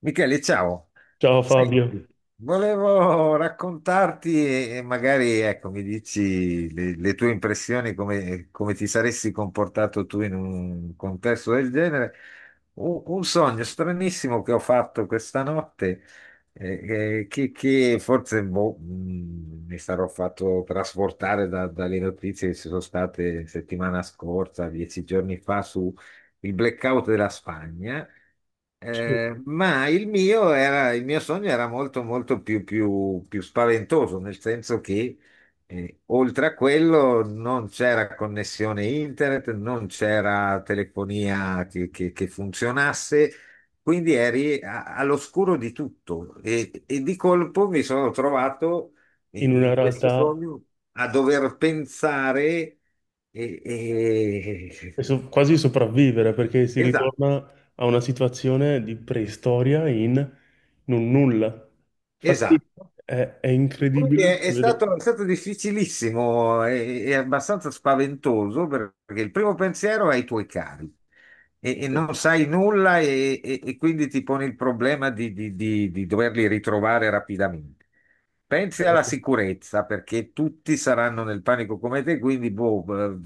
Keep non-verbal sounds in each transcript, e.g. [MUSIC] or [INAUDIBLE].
Michele, ciao. Ciao Senti, Fabio, volevo raccontarti e magari ecco, mi dici le tue impressioni, come ti saresti comportato tu in un contesto del genere. Un sogno stranissimo che ho fatto questa notte, che forse mi sarò fatto trasportare dalle notizie che ci sono state settimana scorsa, 10 giorni fa, su il blackout della Spagna. Ma il mio, era, il mio sogno era molto, molto più spaventoso, nel senso che oltre a quello non c'era connessione internet, non c'era telefonia che funzionasse, quindi eri all'oscuro di tutto e di colpo mi sono trovato in in in una questo realtà sogno a dover pensare. E, e- è quasi sopravvivere perché si esatto. ritorna a una situazione di preistoria in un nulla. Infatti Esatto. è, è E quindi è, incredibile vedere. È stato difficilissimo e abbastanza spaventoso perché il primo pensiero è ai tuoi cari e non sai nulla e quindi ti poni il problema di doverli ritrovare rapidamente. Pensi alla sicurezza perché tutti saranno nel panico come te, quindi boh,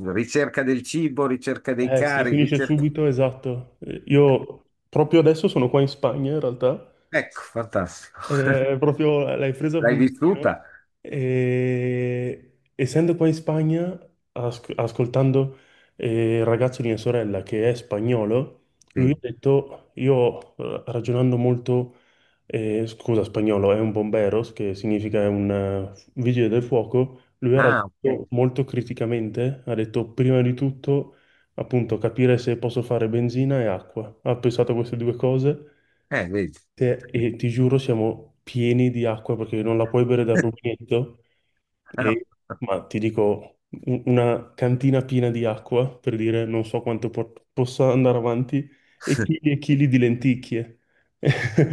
ricerca del cibo, ricerca dei Si cari, finisce ricerca. subito, esatto. Io proprio adesso sono qua in Spagna in realtà. Ecco, fantastico. [LAUGHS] Proprio l'hai presa a L'hai puntino. vissuta? Essendo qua in Spagna, ascoltando il ragazzo di mia sorella che è spagnolo, lui ha Sì. detto, io ragionando molto, scusa, spagnolo è un bomberos, che significa è un vigile del fuoco, lui ha Ah, ragionato ok. molto criticamente, ha detto prima di tutto appunto capire se posso fare benzina e acqua. Ha pensato a queste due cose. Vedi. E ti giuro, siamo pieni di acqua perché non la puoi bere dal rubinetto. E, [LAUGHS] ma ti dico, una cantina piena di acqua per dire non so quanto possa andare avanti e chili di lenticchie.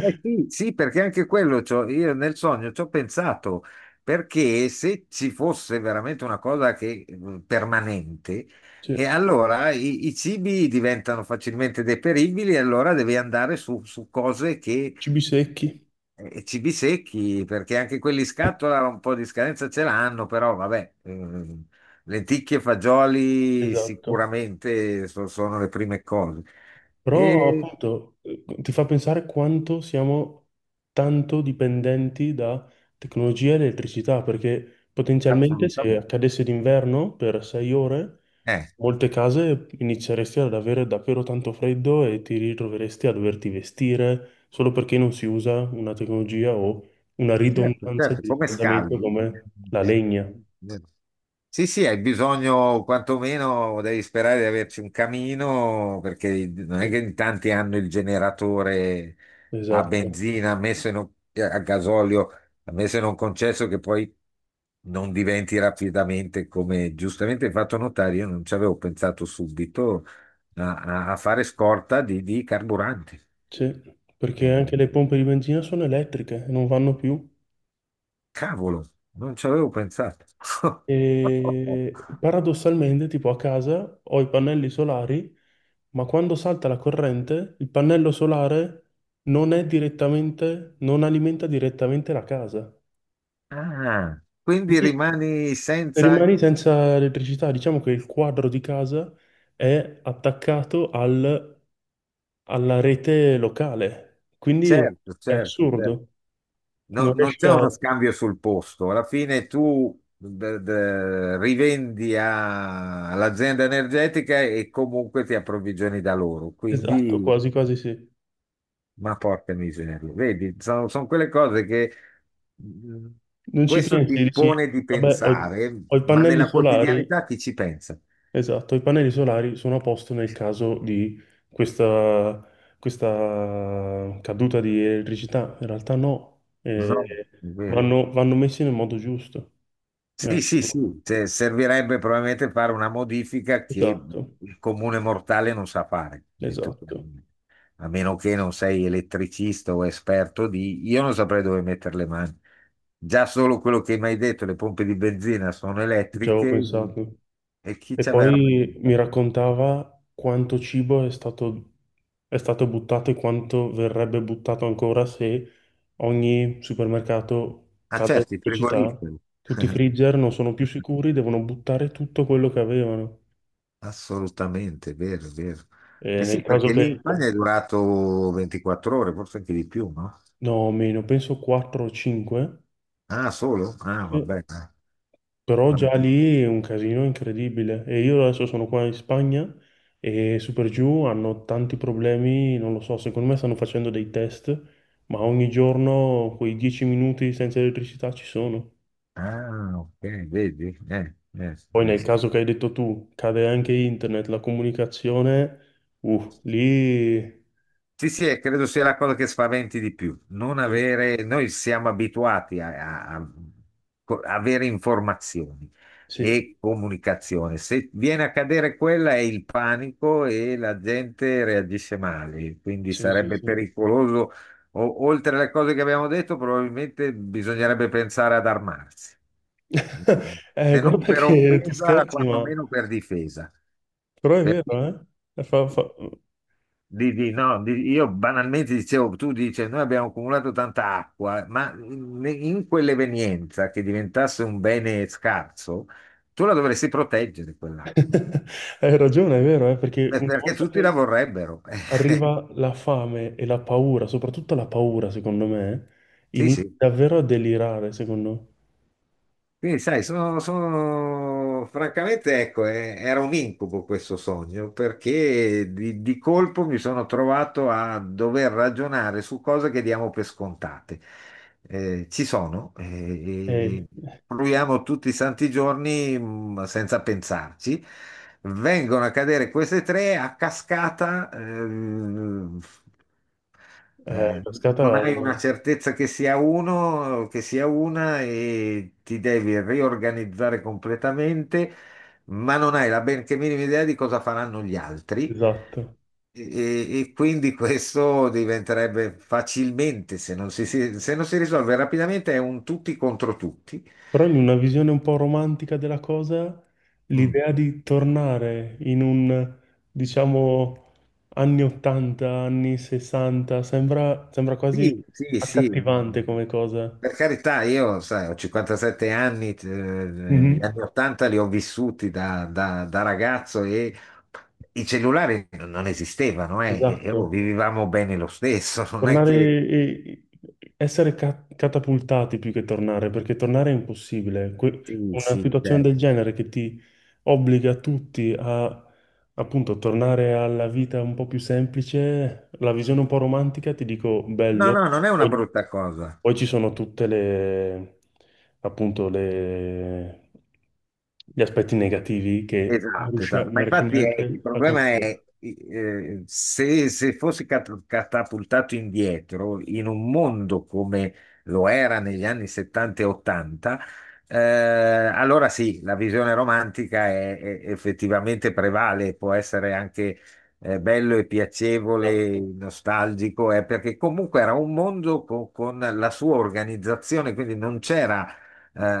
Eh sì, sì, perché anche quello io nel sogno ci ho pensato, perché se ci fosse veramente una cosa che, permanente, Cioè, e allora i cibi diventano facilmente deperibili, e allora devi andare su, su cose che, cibi secchi. Cibi secchi, perché anche quelli in scatola un po' di scadenza ce l'hanno, però vabbè, lenticchie e fagioli Esatto. sicuramente sono le prime cose. Però E appunto ti fa pensare quanto siamo tanto dipendenti da tecnologia e elettricità, perché potenzialmente se assolutamente. accadesse d'inverno per sei ore, Eh. molte case inizieresti ad avere davvero tanto freddo e ti ritroveresti a doverti vestire solo perché non si usa una tecnologia o una Certo, ridondanza certo, di come riscaldamento scaldi. come la Eh, legna. eh, Sì, sì, hai bisogno, quantomeno devi sperare di averci un camino, perché non è Sì, che in tanti hanno il generatore a esatto. benzina, a gasolio, messo in un concesso che poi non diventi rapidamente, come giustamente hai fatto notare, io non ci avevo pensato subito a, a fare scorta di, carburante. Sì, perché anche le Eh, pompe di benzina sono elettriche e non vanno più. Cavolo, non ci avevo pensato. [LAUGHS] E paradossalmente, tipo a casa ho i pannelli solari, ma quando salta la corrente, il pannello solare non è direttamente, non alimenta direttamente la casa. Ah, quindi Quindi rimani senza, anche. rimani senza elettricità. Diciamo che il quadro di casa è attaccato alla rete locale. Quindi Certo, è certo, certo. assurdo. No, Non non riesci c'è a... uno scambio sul posto. Alla fine tu rivendi all'azienda energetica e comunque ti approvvigioni da loro. Esatto, Quindi, quasi quasi sì. ma porca miseria. Vedi, sono quelle cose che mm. Non ci Questo ti pensi, dici, impone di vabbè, pensare, ho i ma pannelli nella solari. quotidianità chi ci pensa? Esatto, i pannelli solari sono a posto nel caso di questa, questa caduta di elettricità. In realtà no, No, è vero. Vanno messi nel modo giusto. Eh, Servirebbe probabilmente fare una modifica che esatto, il comune mortale non sa fare, detto esatto, chiaramente. A meno che non sei elettricista o esperto di. Io non saprei dove mettere le mani. Già solo quello che mi hai detto, le pompe di benzina sono non ci avevo elettriche pensato. e chi E ci aveva mai poi mi pensato? raccontava quanto è stato buttato e quanto verrebbe buttato ancora se ogni supermercato Ah, cade in certo, i pubblicità. frigoriferi. Tutti i freezer non sono più [LAUGHS] sicuri, devono buttare tutto quello che avevano. Assolutamente, vero, vero. E Eh nel sì, caso perché lì in che... Spagna è durato 24 ore, forse anche di più, no? No, meno, penso 4 o 5. Ah, solo? Ah, vabbè. Ah, Però va- già lì è un casino incredibile. E io adesso sono qua in Spagna e Super Giù hanno tanti problemi, non lo so, secondo me stanno facendo dei test, ma ogni giorno quei 10 minuti senza elettricità ci sono. ah, ok, vedi? Poi nel caso che hai detto tu, cade anche internet, la comunicazione, lì... Sì, sì, e credo sia la cosa che spaventi di più. Non eh, avere, noi siamo abituati a, a- a avere informazioni sì, e comunicazione. Se viene a cadere quella è il panico e la gente reagisce male, quindi sì, sì, sarebbe sì. pericoloso. Oltre alle cose che abbiamo detto, probabilmente bisognerebbe pensare ad armarsi, [LAUGHS] se non guarda per che tu offesa, scherzi, ma... quantomeno per difesa. Però è Perché vero, eh? [LAUGHS] No, io banalmente dicevo, tu dici, noi abbiamo accumulato tanta acqua, ma in quell'evenienza che diventasse un bene scarso, tu la dovresti proteggere quell'acqua, Hai ragione, è vero, eh? Perché una perché volta tutti la che... vorrebbero. [LAUGHS] arriva la fame e la paura, soprattutto la paura, secondo me, sì, inizia sì. davvero a delirare, secondo me. Quindi, sai, francamente, ecco, era un incubo questo sogno, perché di colpo mi sono trovato a dover ragionare su cose che diamo per scontate. Ci sono, e Eh, proviamo tutti i santi giorni, senza pensarci. Vengono a cadere queste tre a cascata, eh, non cascata, hai una certezza che sia uno, che sia una e ti devi riorganizzare completamente, ma non hai la benché minima idea di cosa faranno gli altri. esatto. E quindi [LAUGHS] questo diventerebbe facilmente, se non si risolve rapidamente, è un tutti contro tutti. Però in una visione un po' romantica della cosa, Mm. l'idea di tornare diciamo, anni 80, anni 60, sembra quasi Sì, sì, accattivante sì. come cosa. Per carità, io, sai, ho 57 anni, gli Mhm. anni 80 li ho vissuti da, da ragazzo e i cellulari non esistevano, e, Esatto. oh, vivevamo bene lo stesso, [LAUGHS] non è che. Tornare e e essere catapultati più che tornare, perché tornare è impossibile. Sì, Una sì, situazione cioè. del genere che ti obbliga tutti a appunto tornare alla vita un po' più semplice, la visione un po' romantica, ti dico No, bello. no, non è una Poi, brutta cosa. poi ci sono tutte le appunto le gli aspetti negativi che Esatto, esatto, ma non riesci infatti il neanche a problema è considerare. Se, se fossi catapultato indietro in un mondo come lo era negli anni 70 e 80, allora sì, la visione romantica è, effettivamente prevale, può essere anche bello e piacevole, Esatto. nostalgico, perché comunque era un mondo con la sua organizzazione, quindi non c'era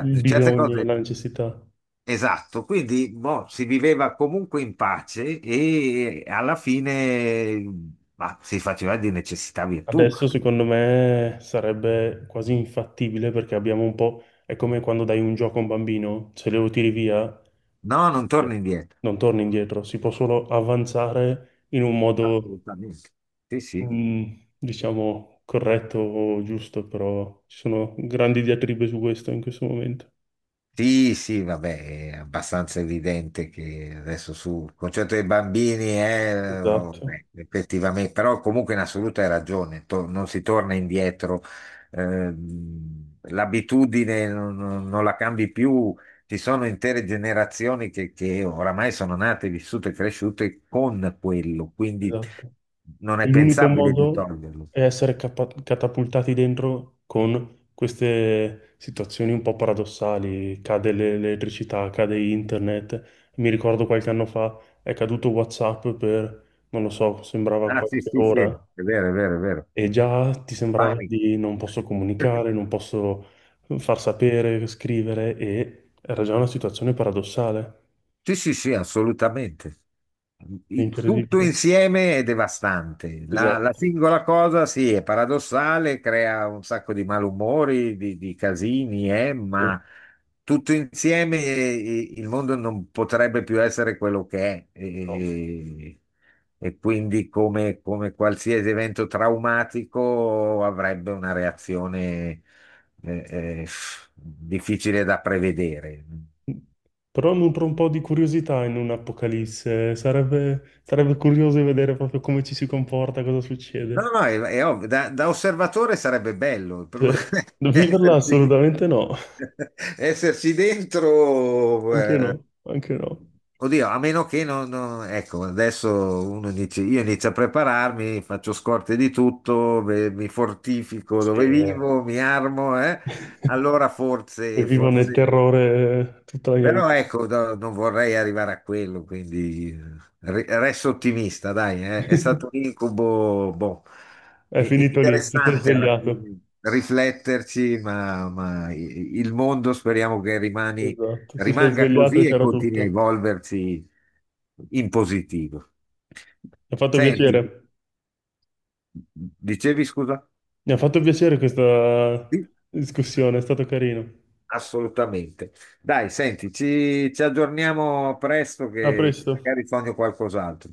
Il certe bisogno, cose. la necessità. Esatto, quindi boh, si viveva comunque in pace e alla fine ma, si faceva di necessità virtù. Adesso secondo me sarebbe quasi infattibile perché abbiamo un po'... È come quando dai un gioco a un bambino, se lo tiri via No, non torni eh, indietro. non torni indietro, si può solo avanzare in un modo, Assolutamente. Sì, sì. mm, diciamo, corretto o giusto, però ci sono grandi diatribe su questo in questo momento. Sì, sì, vabbè, è abbastanza evidente che adesso sul concetto dei bambini, Esatto, vabbè, effettivamente, però comunque in assoluta hai ragione, non si torna indietro, l'abitudine non la cambi più, ci sono intere generazioni che oramai sono nate, vissute e cresciute con quello, quindi esatto. non E è l'unico pensabile di modo toglierlo. è essere catapultati dentro con queste situazioni un po' paradossali. Cade l'elettricità, cade internet. Mi ricordo qualche anno fa è caduto WhatsApp per, non lo so, sembrava Ah, sì, qualche sì, sì, ora è vero, è vero, è vero, e già ti sembrava panico. di non posso [LAUGHS] comunicare, non posso far sapere, scrivere e era già una situazione paradossale. Sì, sì, sì, assolutamente. È Tutto incredibile. insieme è devastante. La Esatto. singola cosa, sì, è paradossale, crea un sacco di malumori, di casini, Sì. ma tutto insieme il mondo non potrebbe più essere quello che è. No. E quindi, come qualsiasi evento traumatico, avrebbe una reazione eh, eh, difficile da prevedere. Però nutro un po' di curiosità in un'Apocalisse. Sarebbe curioso di vedere proprio come ci si comporta, cosa No, succede. no, è ovvio, da, da osservatore sarebbe bello Cioè, [LAUGHS] viverla esserci, assolutamente no, [LAUGHS] esserci dentro. anche no, anche no. Oddio, a meno che ecco, adesso uno dice, io inizio a prepararmi, faccio scorte di tutto, beh, mi fortifico Sì, dove eh. vivo, mi armo, eh? [LAUGHS] Allora E forse, vivo nel forse. terrore tutta la mia Però vita. ecco, non vorrei arrivare a quello, quindi resto ottimista, dai, eh. È stato [LAUGHS] un incubo, boh, È finito lì, ti sei interessante alla svegliato. fine rifletterci, ma i- il mondo speriamo che rimani- Esatto, ti sei rimanga svegliato e così e c'era continui a tutto. evolversi in positivo. Mi ha fatto Senti, piacere. dicevi scusa? Mi ha fatto piacere questa Sì, discussione, è stato carino. assolutamente. Dai, senti, ci aggiorniamo presto A che presto. magari sogno qualcos'altro.